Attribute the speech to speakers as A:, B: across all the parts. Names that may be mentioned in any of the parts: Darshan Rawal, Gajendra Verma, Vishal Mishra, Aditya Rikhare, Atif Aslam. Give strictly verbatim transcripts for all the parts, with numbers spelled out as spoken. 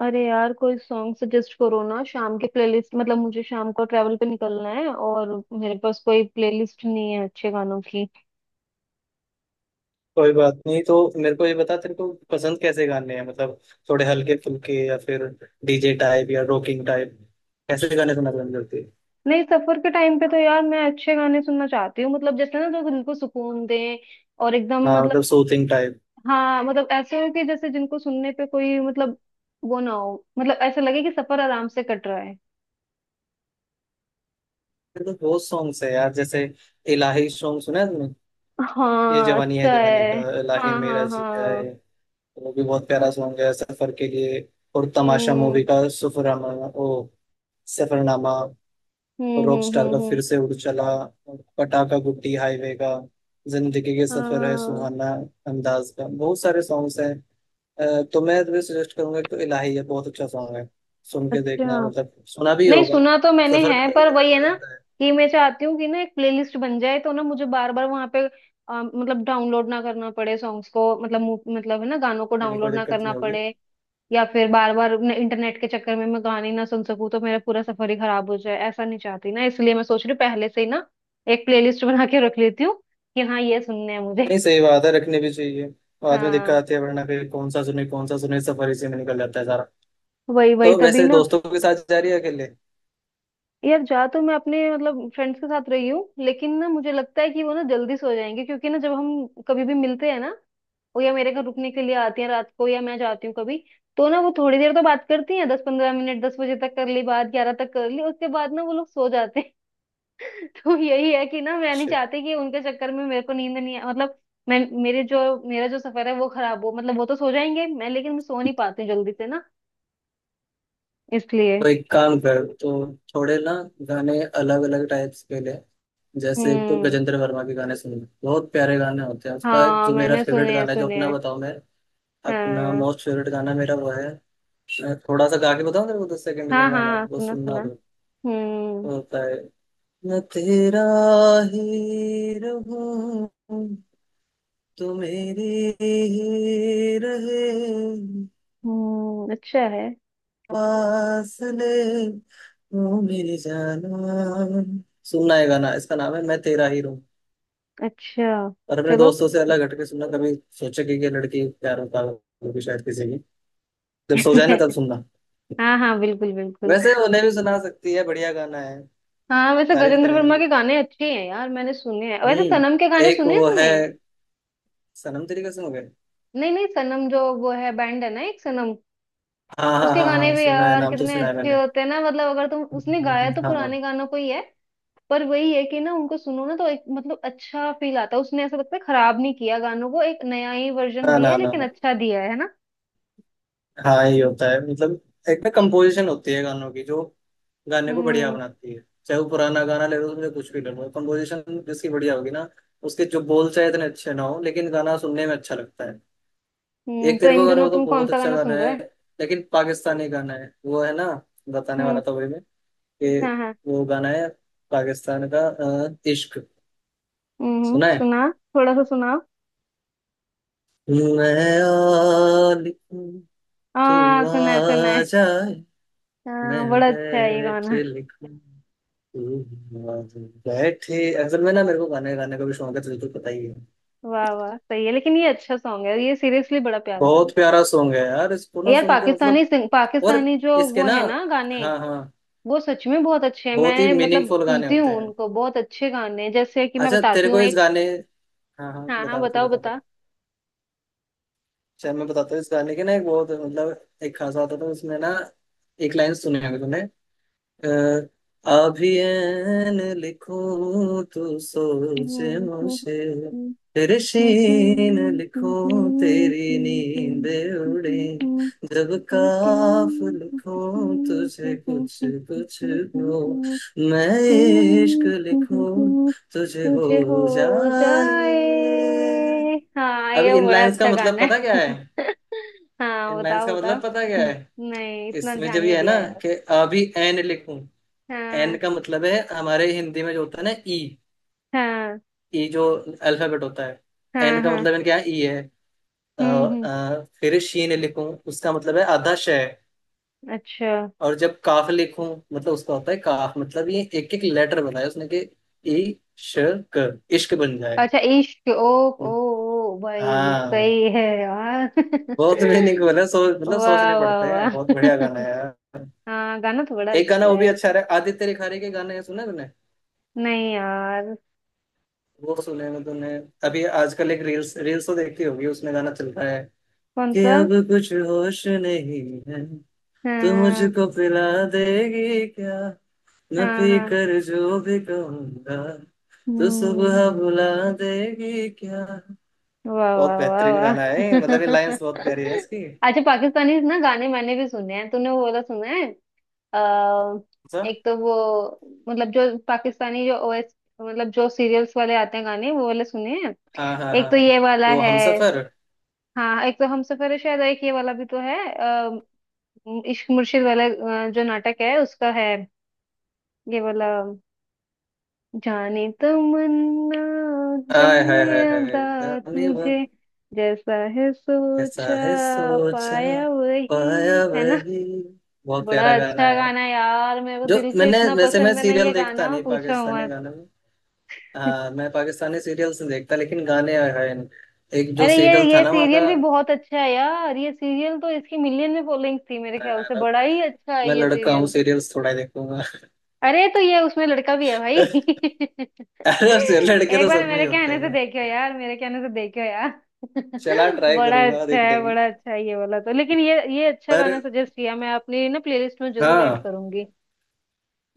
A: अरे यार कोई सॉन्ग सजेस्ट करो ना शाम के प्लेलिस्ट मतलब मुझे शाम को ट्रैवल पे निकलना है। और मेरे पास कोई प्लेलिस्ट नहीं है अच्छे गानों की।
B: कोई बात नहीं। तो मेरे को ये बता, तेरे को पसंद कैसे गाने हैं? मतलब थोड़े हल्के फुल्के, या फिर डीजे टाइप या रॉकिंग टाइप? कैसे गाने सुनना पसंद करती है?
A: नहीं, सफर के टाइम पे तो यार मैं अच्छे गाने सुनना चाहती हूँ मतलब जैसे ना जो दिल को सुकून दें। और एकदम
B: हाँ,
A: मतलब
B: मतलब सूथिंग टाइप।
A: हाँ मतलब ऐसे हो कि जैसे जिनको सुनने पे कोई मतलब वो ना हो मतलब ऐसा लगे कि सफर आराम से कट रहा है।
B: तो बहुत सॉन्ग्स है यार, जैसे इलाही सॉन्ग सुना है तुमने? ये
A: हाँ
B: जवानी है
A: अच्छा
B: दीवानी का
A: है।
B: इलाही
A: हाँ
B: मेरा
A: हाँ
B: जिया है,
A: हाँ।
B: वो भी बहुत प्यारा सॉन्ग है सफर के लिए। और तमाशा
A: हम्म
B: मूवी का सफरनामा। ओ, सफरनामा।
A: हम्म हम्म
B: रॉकस्टार
A: हम्म
B: का
A: हम्म।
B: फिर से उड़ चला, पटाखा गुड्डी हाईवे का, जिंदगी के सफर है
A: हाँ।
B: सुहाना, अंदाज का, बहुत सारे सॉन्ग्स हैं। अ, तो मैं तुम्हें सजेस्ट करूंगा, एक तो इलाही है, बहुत अच्छा सॉन्ग है। सुन के देखना,
A: अच्छा,
B: मतलब सुना भी
A: नहीं
B: होगा
A: सुना तो मैंने
B: सफर में,
A: है पर
B: लेकिन
A: वही है
B: रखा
A: ना
B: जाता है,
A: कि मैं चाहती हूँ कि ना एक प्लेलिस्ट बन जाए तो ना मुझे बार बार वहां पे अ, मतलब डाउनलोड ना करना पड़े सॉन्ग्स को मतलब मु- मतलब है ना गानों को
B: यानी कोई
A: डाउनलोड ना
B: दिक्कत
A: करना
B: नहीं होगी।
A: पड़े। या फिर बार बार इंटरनेट के चक्कर में मैं गाने ना सुन सकूँ तो मेरा पूरा सफर ही खराब हो जाए, ऐसा नहीं चाहती ना, इसलिए मैं सोच रही हूँ पहले से ही ना एक प्लेलिस्ट बना के रख लेती हूँ कि हाँ ये सुनने हैं मुझे।
B: नहीं, सही बात है, रखने भी चाहिए। बाद में दिक्कत
A: हाँ
B: आती है, वरना फिर कौन सा सुने कौन सा सुने, सफर इसी में निकल जाता है सारा।
A: वही वही
B: तो
A: तभी
B: वैसे
A: ना।
B: दोस्तों के साथ जा रही है, अकेले?
A: यार जा तो मैं अपने मतलब फ्रेंड्स के साथ रही हूँ लेकिन ना मुझे लगता है कि वो ना जल्दी सो जाएंगे क्योंकि ना जब हम कभी भी मिलते हैं ना, वो या मेरे घर रुकने के लिए आती हैं रात को या मैं जाती हूँ कभी, तो ना वो थोड़ी देर तो बात करती हैं दस पंद्रह मिनट, दस बजे तक कर ली बात, ग्यारह तक कर ली, उसके बाद ना वो लोग सो जाते हैं। तो यही है कि ना मैं नहीं
B: अच्छा,
A: चाहती कि उनके चक्कर में मेरे को नींद नहीं आए मतलब मैं मेरे जो, मेरा जो सफर है वो खराब हो, मतलब वो तो सो जाएंगे मैं, लेकिन मैं सो नहीं पाती हूँ जल्दी से ना, इसलिए।
B: तो एक काम कर तो, थोड़े ना गाने अलग अलग टाइप्स के ले। जैसे एक तो
A: हम्म।
B: गजेंद्र वर्मा के गाने सुनो, बहुत प्यारे गाने होते हैं उसका।
A: हाँ
B: जो मेरा
A: मैंने
B: फेवरेट
A: सुने हैं
B: गाना है, जो
A: सुने
B: अपना
A: हैं।
B: बताऊं मैं? अपना
A: हाँ
B: मोस्ट फेवरेट गाना मेरा वो है। मैं थोड़ा सा गा के बताऊं तेरे को, दस सेकंड का
A: हाँ
B: गाना,
A: हाँ
B: वो
A: सुना
B: सुनना
A: सुना।
B: तो।
A: हम्म
B: होता है, मैं तेरा ही रहूं, तू मेरी ही रहे,
A: हम्म अच्छा है।
B: फासले, तू मेरी जाना। सुनना है गाना, इसका नाम है मैं तेरा ही रहूं।
A: अच्छा
B: और अपने
A: चलो।
B: दोस्तों से अलग हटके सुनना कभी। सोचा कि ये लड़की प्यार होता होगी शायद किसी की, जब सो जाए ना तब सुनना।
A: हाँ हाँ बिल्कुल बिल्कुल।
B: वैसे उन्हें भी सुना सकती है, बढ़िया गाना है,
A: हाँ वैसे
B: तारीफ
A: गजेंद्र
B: करेंगे
A: वर्मा
B: तेरी।
A: के गाने अच्छे हैं यार, मैंने सुने हैं। वैसे
B: हम्म।
A: सनम के गाने
B: एक
A: सुने हैं
B: वो
A: तूने?
B: है, सनम तेरी कसम हो गए।
A: नहीं नहीं, सनम जो वो है बैंड है ना एक सनम।
B: हाँ हाँ
A: उसके
B: हाँ
A: गाने
B: हाँ,
A: भी
B: सुना है,
A: यार
B: नाम तो
A: कितने
B: सुना है
A: अच्छे
B: मैंने।
A: होते हैं ना, मतलब अगर तुम उसने गाया
B: हम्म,
A: तो
B: हाँ।
A: पुराने गानों को ही है, पर वही है कि ना उनको सुनो ना तो एक मतलब अच्छा फील आता है, उसने ऐसा लगता है खराब नहीं किया गानों को, एक नया ही वर्जन
B: हाँ,
A: दिया
B: ना
A: है
B: ना
A: लेकिन
B: ना।
A: अच्छा दिया है है ना।
B: हाँ, ये होता है मतलब, एक ना कंपोजिशन होती है गानों की जो गाने को बढ़िया
A: हम्म।
B: बनाती है। चाहे वो पुराना गाना ले लो, उसमें कुछ भी ले लो, कंपोजिशन जिसकी बढ़िया होगी ना, उसके जो बोल चाहे इतने अच्छे ना हो, लेकिन गाना सुनने में अच्छा लगता है।
A: हम्म
B: एक
A: तो
B: तेरे को
A: इन
B: गाना,
A: दिनों
B: वो तो
A: तुम कौन
B: बहुत
A: सा
B: अच्छा
A: गाना
B: गाना
A: सुन
B: है,
A: रहे हो?
B: लेकिन पाकिस्तानी गाना है वो, है ना? बताने
A: हम्म
B: वाला था वही मैं कि
A: हाँ हाँ।
B: वो गाना है पाकिस्तान का, अ, इश्क।
A: हम्म
B: सुना है,
A: सुना। थोड़ा सा सुनाओ।
B: मैं आ लिखूं
A: हाँ
B: तू
A: सुना है सुना
B: आ
A: है।
B: जाए, मैं
A: हाँ बड़ा अच्छा है ये
B: बैठ
A: गाना।
B: लिखूं तू आ जाए। बैठे, असल में ना मेरे को गाने गाने का भी शौक है, तुझे तो पता ही है।
A: वाह वाह सही है, लेकिन ये अच्छा सॉन्ग है ये, सीरियसली बड़ा प्यारा गाना
B: बहुत प्यारा सॉन्ग है यार, इसको
A: है
B: ना
A: यार,
B: सुन के
A: पाकिस्तानी
B: मतलब,
A: सिंग,
B: और
A: पाकिस्तानी जो
B: इसके
A: वो
B: ना,
A: है ना गाने,
B: हाँ हाँ,
A: वो सच में बहुत अच्छे हैं,
B: बहुत ही
A: मैं मतलब
B: मीनिंगफुल गाने
A: सुनती
B: होते
A: हूँ
B: हैं।
A: उनको, बहुत अच्छे गाने हैं। जैसे कि मैं
B: अच्छा, तेरे
A: बताती
B: को
A: हूँ
B: इस
A: एक।
B: गाने, हाँ हाँ,
A: हाँ हाँ
B: बता बता
A: बताओ
B: बता बता।
A: बता।
B: शायद मैं बताता हूँ, इस गाने के ना एक बहुत मतलब एक खासा आता था उसमें ना, एक लाइन सुनी होगी तुमने। अ, अभी ऐन लिखूं तू सोच मुझे, फिर शीन लिखूं तेरी नींद उड़े, जब
A: तुझे
B: काफ लिखूं तुझे कुछ कुछ हो, मैं इश्क लिखूं तुझे हो
A: हो
B: जाए।
A: जाए। हाँ
B: अब
A: ये बड़ा
B: इनलाइंस का
A: अच्छा
B: मतलब
A: गाना है।
B: पता क्या है?
A: हाँ
B: इनलाइंस
A: बताओ
B: का
A: बताओ।
B: मतलब पता क्या है?
A: नहीं इतना
B: इसमें
A: ध्यान
B: जब
A: नहीं
B: ये है ना,
A: दिया यार।
B: कि अभी एन लिखूं, एन
A: हाँ
B: का मतलब है हमारे हिंदी में जो होता है ना ई,
A: हाँ
B: ई जो अल्फाबेट होता है।
A: हाँ
B: एन का
A: हाँ।
B: मतलब है क्या? ई है। अ,
A: हम्म हम्म।
B: अ, फिर शीन लिखूं, उसका मतलब है आधा श है।
A: अच्छा।
B: और जब काफ लिखूं, मतलब उसका होता है काफ। मतलब ये एक एक लेटर बनाया उसने कि ई, श, क, इश्क बन जाए।
A: अच्छा इश्क, ओ ओ ओ, भाई
B: हाँ,
A: सही है यार।
B: बहुत मीनिंग बोला, सो मतलब
A: वाह
B: सोचने
A: वाह
B: पड़ते हैं,
A: वाह।
B: बहुत बढ़िया गाना है यार।
A: हाँ गाना तो बड़ा
B: एक गाना
A: अच्छा
B: वो भी
A: है।
B: अच्छा रहा, आदित्य रिखारे के गाने सुने तूने?
A: नहीं यार।
B: वो सुने मैं तूने, अभी आजकल एक रील्स, रील्स तो देखती होगी, उसमें गाना चल रहा है,
A: कौन
B: कि
A: सा?
B: अब कुछ होश नहीं है तो
A: हाँ
B: मुझको पिला देगी क्या, न
A: हाँ
B: पी
A: हाँ।
B: कर जो भी कहूंगा तो
A: हम्म।
B: सुबह बुला देगी क्या।
A: वाह
B: बहुत
A: वाह वाह
B: बेहतरीन
A: वाह।
B: गाना है, मतलब ये लाइंस बहुत प्यारी है इसकी।
A: अच्छा पाकिस्तानी ना गाने मैंने भी सुने हैं, तूने वो वाला सुना है? अ,
B: अच्छा,
A: एक तो वो मतलब जो पाकिस्तानी जो ओएस, मतलब जो सीरियल्स वाले आते हैं गाने वो वाले सुने हैं।
B: हाँ हाँ
A: एक
B: हाँ,
A: तो ये वाला
B: वो
A: है।
B: हमसफर,
A: हाँ एक तो हम सफर है शायद, एक ये वाला भी तो है अ, इश्क मुर्शिद वाला, अ, जो नाटक है उसका है, ये वाला जाने तमन्ना,
B: आय
A: जाने
B: हाय हाय
A: अदा,
B: हाय।
A: तुझे, जैसा है
B: ऐसा
A: सोचा
B: है सोचा
A: पाया, वही
B: पाया
A: है ना।
B: वही, बहुत
A: बड़ा
B: प्यारा गाना
A: अच्छा
B: है।
A: गाना है यार, मेरे को
B: जो
A: दिल से
B: मैंने,
A: इतना
B: वैसे मैं
A: पसंद है ना
B: सीरियल
A: ये
B: देखता
A: गाना,
B: नहीं
A: पूछो
B: पाकिस्तानी
A: मत।
B: गाने में। हाँ, मैं पाकिस्तानी सीरियल्स नहीं देखता, लेकिन गाने हैं। एक जो
A: अरे ये
B: सीरियल था
A: ये
B: ना वहाँ का,
A: सीरियल भी बहुत अच्छा है यार, ये सीरियल तो इसकी मिलियन में फॉलोइंग थी मेरे ख्याल से,
B: अरब,
A: बड़ा ही अच्छा है
B: मैं
A: ये
B: लड़का हूँ,
A: सीरियल।
B: सीरियल्स थोड़ा ही देखूंगा।
A: अरे तो ये उसमें लड़का भी है भाई।
B: अरब से लड़के
A: एक
B: तो
A: बार
B: सब में ही
A: मेरे
B: होते
A: कहने से
B: हैं।
A: देखियो यार, मेरे कहने से देखियो यार।
B: चला, ट्राई
A: बड़ा
B: करूंगा
A: अच्छा
B: देखने
A: है,
B: की।
A: बड़ा अच्छा है ये वाला तो। लेकिन ये ये अच्छा
B: पर
A: गाना सजेस्ट किया, मैं अपनी ना प्लेलिस्ट में जरूर ऐड
B: हाँ,
A: करूंगी।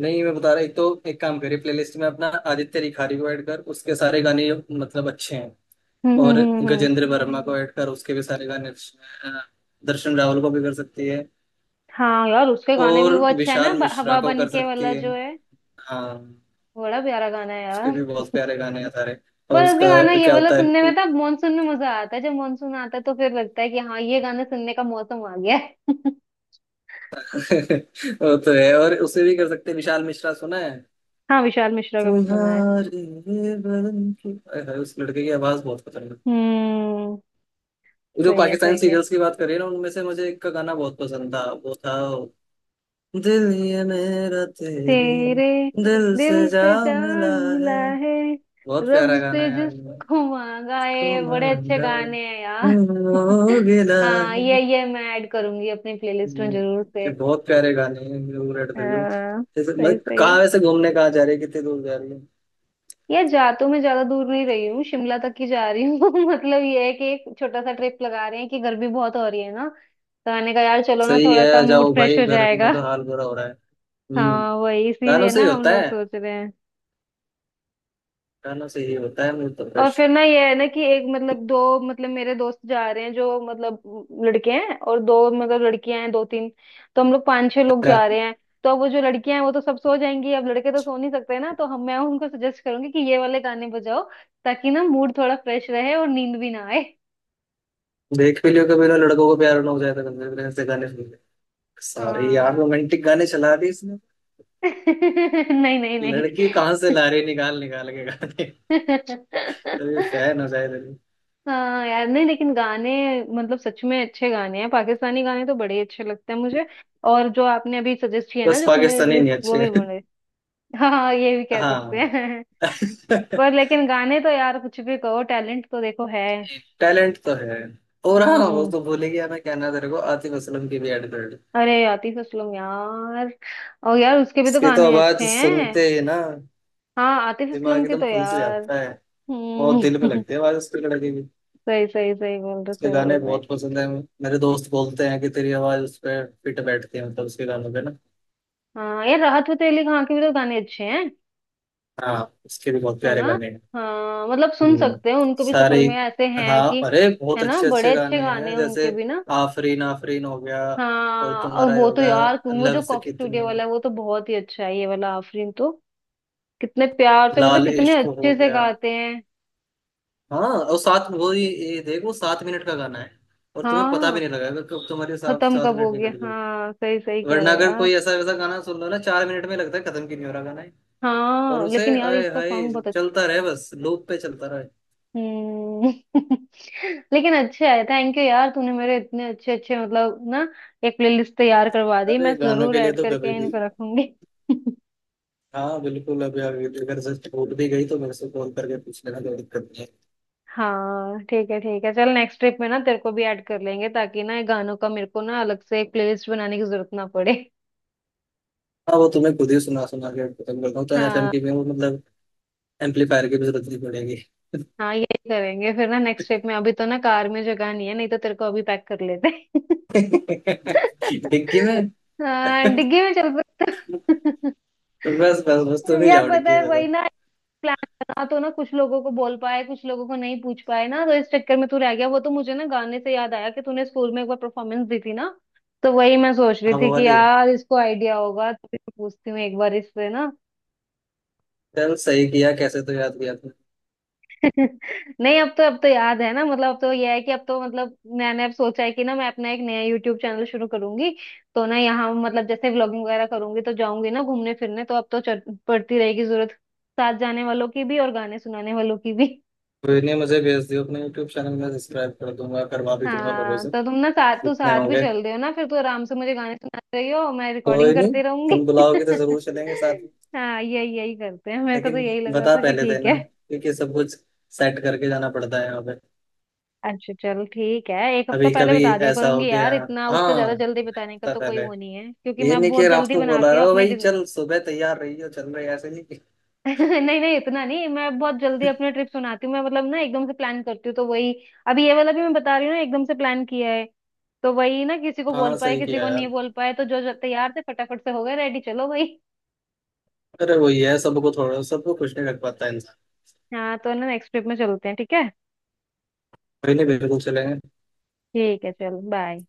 B: नहीं मैं बता रहा, एक तो एक काम करिए, प्लेलिस्ट में अपना आदित्य रिखारी को ऐड कर, उसके सारे गाने मतलब अच्छे हैं।
A: हम्म हम्म
B: और
A: हम्म हम्म।
B: गजेंद्र वर्मा को ऐड कर, उसके भी सारे गाने। अ, दर्शन रावल को भी कर सकती है,
A: हाँ यार उसके गाने भी
B: और
A: वो अच्छा है ना,
B: विशाल
A: ब-
B: मिश्रा
A: हवा
B: को कर
A: बनके
B: सकती
A: वाला
B: है।
A: जो है,
B: हाँ,
A: बड़ा प्यारा गाना है
B: उसके
A: यार।
B: भी बहुत प्यारे गाने हैं सारे। और
A: पर
B: उसका
A: उसके गाना ये
B: क्या
A: वाला
B: होता
A: सुनने
B: है।
A: में तो मानसून में मजा आता है, जब मानसून आता है तो फिर लगता है कि हाँ ये गाना सुनने का मौसम आ गया है।
B: वो तो है, और उसे भी कर सकते हैं, विशाल मिश्रा सुना है,
A: हाँ विशाल मिश्रा का भी सुना है।
B: तुम्हारे बदन की। अरे भाई, उस लड़के की आवाज बहुत पसंद है।
A: हम्म।
B: वो जो
A: सही है
B: पाकिस्तान
A: सही है।
B: सीरियल्स की बात करिए ना, उनमें से मुझे एक का गाना बहुत पसंद था, वो था दिल ये मेरा तेरे
A: तेरे
B: दिल से
A: दिल
B: जा
A: से
B: मिला
A: जान मिला
B: है।
A: है,
B: बहुत प्यारा
A: रब
B: गाना
A: से
B: है यार ये।
A: जिसको मांगा है, बड़े अच्छे
B: कमांडा
A: गाने हैं यार।
B: हो गिला
A: हाँ ये
B: है।
A: ये मैं ऐड करूंगी अपनी प्लेलिस्ट में जरूर से।
B: ये बहुत प्यारे गाने हैं ब्लू रेड फिल्म
A: हाँ
B: जैसे,
A: सही
B: मतलब
A: सही है।
B: कहाँ वैसे घूमने कहाँ जा रही है, कितनी दूर जा रही है?
A: यार जा तो मैं ज्यादा दूर नहीं रही हूँ, शिमला तक ही जा रही हूँ। मतलब ये है कि एक छोटा सा ट्रिप लगा रहे हैं कि गर्मी बहुत हो रही है ना, तो मैंने कहा यार चलो ना
B: सही
A: थोड़ा सा
B: है,
A: मूड
B: जाओ
A: फ्रेश
B: भाई,
A: हो
B: गर्मी में
A: जाएगा।
B: तो हाल बुरा हो रहा है। हम्म,
A: हाँ वही
B: गानों
A: इसीलिए
B: से
A: ना
B: ही
A: हम
B: होता
A: लोग
B: है,
A: सोच रहे हैं।
B: गानों से ही होता है मुझे तो
A: और
B: crush।
A: फिर ना ये है ना कि एक मतलब दो, मतलब मेरे दोस्त जा रहे हैं जो मतलब लड़के हैं और दो मतलब लड़कियां हैं दो तीन, तो हम लोग पांच छह लोग
B: अच्छा,
A: जा रहे हैं। तो अब वो जो लड़कियां हैं वो तो सब सो जाएंगी, अब लड़के तो सो नहीं सकते ना, तो हम मैं उनको सजेस्ट करूंगी कि ये वाले गाने बजाओ ताकि ना मूड थोड़ा फ्रेश रहे और नींद भी ना आए।
B: देख भी लियो कभी ना लड़कों को प्यार ना हो जाए तो, कभी भी ऐसे गाने सुन ले, सारे यार
A: हाँ।
B: रोमांटिक गाने चला दिए इसने।
A: नहीं नहीं नहीं।
B: लड़की कहाँ से ला रही, निकाल निकाल के गाने, कभी फैन हो जाए तो।
A: हाँ यार नहीं, लेकिन गाने मतलब सच में अच्छे गाने हैं, पाकिस्तानी गाने तो बड़े अच्छे लगते हैं मुझे। और जो आपने अभी सजेस्ट किया ना
B: बस
A: जो तुमने
B: पाकिस्तानी
A: लिस्ट,
B: नहीं,
A: वो
B: अच्छे
A: भी
B: हैं।
A: बड़े। हाँ हाँ, ये भी कह सकते
B: हाँ।
A: हैं। पर लेकिन गाने तो यार कुछ भी कहो, टैलेंट तो देखो है।
B: टैलेंट तो है। और हाँ, वो
A: हम्म।
B: तो भूल ही गया मैं कहना तेरे को, आतिफ असलम की भी एड कर।
A: अरे आतिफ असलम यार, और यार उसके भी तो
B: उसकी तो
A: गाने अच्छे
B: आवाज
A: हैं।
B: सुनते ही ना,
A: हाँ आतिफ असलम
B: दिमाग
A: के
B: एकदम
A: तो
B: खुल से
A: यार।
B: जाता है। बहुत दिल पे
A: हम्म।
B: लगती है आवाज उसकी, लड़की की।
A: सही सही सही बोल रहे,
B: उसके
A: सही
B: गाने
A: बोल रहे।
B: बहुत पसंद है, मेरे दोस्त बोलते हैं कि तेरी आवाज उस पर फिट बैठती है, मतलब उसके गानों पे ना।
A: हाँ यार राहत फतेह अली खान के भी तो गाने अच्छे हैं।
B: हाँ, उसके भी बहुत
A: है
B: प्यारे
A: ना।
B: गाने हैं।
A: हाँ मतलब सुन
B: हम्म,
A: सकते हैं उनको भी
B: सारे।
A: सफर में, ऐसे हैं
B: हाँ
A: कि,
B: अरे, बहुत
A: है ना
B: अच्छे
A: बड़े
B: अच्छे
A: अच्छे
B: गाने
A: गाने
B: हैं
A: हैं
B: जैसे
A: उनके भी ना।
B: आफरीन आफरीन हो गया। और
A: हाँ और
B: तुम्हारा ये
A: वो
B: हो
A: तो
B: गया
A: यार तुम वो जो
B: लफ्ज
A: कॉक
B: कितनी,
A: स्टूडियो वाला है वो तो बहुत ही अच्छा है ये वाला आफरीन तो, कितने प्यार से मतलब
B: लाल
A: कितने
B: इश्क
A: अच्छे
B: हो
A: से
B: गया।
A: गाते हैं।
B: हाँ, और सात वो ये, ये देखो सात मिनट का गाना है, और तुम्हें पता
A: हाँ
B: भी नहीं लगेगा कब तुम्हारे साथ
A: खत्म
B: सात
A: कब हो
B: मिनट
A: गया,
B: निकल गई।
A: हाँ सही सही कह
B: वरना
A: रहे हो
B: अगर
A: यार।
B: कोई ऐसा वैसा गाना सुन लो ना चार मिनट में, लगता है खत्म क्यों नहीं हो रहा गाना है। और
A: हाँ
B: उसे
A: लेकिन यार
B: आए
A: इसका
B: हाय,
A: सॉन्ग बहुत।
B: चलता रहे बस, लूप पे चलता रहे।
A: हम्म। लेकिन अच्छा है, थैंक यू यार तूने मेरे इतने अच्छे अच्छे मतलब ना एक प्लेलिस्ट तैयार करवा दी, मैं
B: अरे गानों
A: जरूर
B: के लिए
A: ऐड
B: तो कभी
A: करके
B: भी,
A: इनको रखूंगी।
B: हाँ बिल्कुल, अभी अभी अगर से छूट भी गई तो मेरे से फोन करके पूछ लेना, कोई दिक्कत नहीं है।
A: हाँ ठीक है ठीक है, चल नेक्स्ट ट्रिप में ना तेरे को भी ऐड कर लेंगे ताकि ना ये गानों का मेरे को ना अलग से एक प्लेलिस्ट बनाने की जरूरत ना पड़े।
B: हाँ, वो तुम्हें खुद ही सुना सुना के खत्म करता हूँ तो एफएम
A: हाँ
B: की में, वो मतलब एम्पलीफायर की भी जरूरत नहीं पड़ेगी।
A: हाँ ये करेंगे फिर ना नेक्स्ट ट्रिप में, अभी तो ना कार में जगह नहीं है नहीं तो तेरे को अभी पैक कर लेते।
B: डिग्गी में।
A: हाँ डिग्गी में चल सकते हो।
B: तो बस बस बस तुम ही
A: यार
B: जाओ
A: पता
B: डिग्गी
A: है
B: में
A: वही
B: तो।
A: ना, प्लान बना तो ना कुछ लोगों को बोल पाए कुछ लोगों को नहीं पूछ पाए ना, तो इस चक्कर में तू रह गया। वो तो मुझे ना गाने से याद आया कि तूने स्कूल में एक बार परफॉर्मेंस दी थी ना, तो वही मैं सोच रही
B: हाँ, वो
A: थी कि
B: वाली।
A: यार इसको आइडिया होगा तो फिर मैं पूछती हूँ एक बार इससे ना।
B: चल, सही किया, कैसे तो याद किया तुमने।
A: नहीं अब तो, अब तो याद है ना, मतलब अब तो यह है कि अब तो मतलब मैंने अब सोचा है कि ना मैं अपना एक नया यूट्यूब चैनल शुरू करूंगी, तो ना यहाँ मतलब जैसे व्लॉगिंग वगैरह करूंगी तो जाऊंगी ना घूमने फिरने, तो अब तो चल- पड़ती रहेगी जरूरत साथ जाने वालों की भी और गाने सुनाने वालों की भी।
B: कोई नहीं, मुझे भेज दियो अपने यूट्यूब चैनल में, सब्सक्राइब कर दूंगा, करवा भी दूंगा लोगों
A: हाँ
B: से
A: तो तुम ना साथ तो
B: जितने
A: साथ भी
B: होंगे।
A: चल रहे हो ना, फिर तो आराम से मुझे गाने सुना रही हो मैं रिकॉर्डिंग
B: कोई नहीं,
A: करते रहूंगी।
B: तुम बुलाओगे तो जरूर चलेंगे साथ में,
A: हाँ यही यही करते हैं, मेरे को तो
B: लेकिन
A: यही लग रहा
B: बता
A: था कि
B: पहले
A: ठीक है।
B: देना क्योंकि सब कुछ सेट करके जाना पड़ता है यहाँ पे।
A: अच्छा चल ठीक है, एक हफ्ता
B: अभी
A: पहले
B: कभी
A: बता दिया
B: ऐसा हो
A: करूंगी
B: गया।
A: यार, इतना, उससे
B: हाँ,
A: ज्यादा जल्दी
B: एक
A: बताने का
B: हफ्ता
A: तो कोई
B: पहले,
A: वो नहीं है क्योंकि
B: ये
A: मैं
B: नहीं
A: बहुत
B: कि रात
A: जल्दी
B: को बोला
A: बनाती हूँ
B: रहे हो
A: अपने।
B: भाई चल सुबह तैयार रही हो चल रही है", ऐसे नहीं कि।
A: नहीं नहीं इतना नहीं, मैं बहुत जल्दी अपना ट्रिप सुनाती हूँ मैं, मतलब ना एकदम से प्लान करती हूँ, तो वही अभी ये वाला भी मैं बता रही हूँ ना एकदम से प्लान किया है, तो वही ना किसी को बोल
B: हाँ,
A: पाए
B: सही
A: किसी
B: किया
A: को नहीं
B: यार,
A: बोल पाए, तो जो जो तैयार थे फटाफट से हो गए रेडी चलो भाई।
B: अरे वही है, सबको थोड़ा, सबको कुछ नहीं रख पाता इंसान।
A: हाँ तो ना नेक्स्ट ट्रिप में चलते हैं ठीक है।
B: कोई नहीं, बिल्कुल चलेंगे।
A: ठीक है चलो बाय।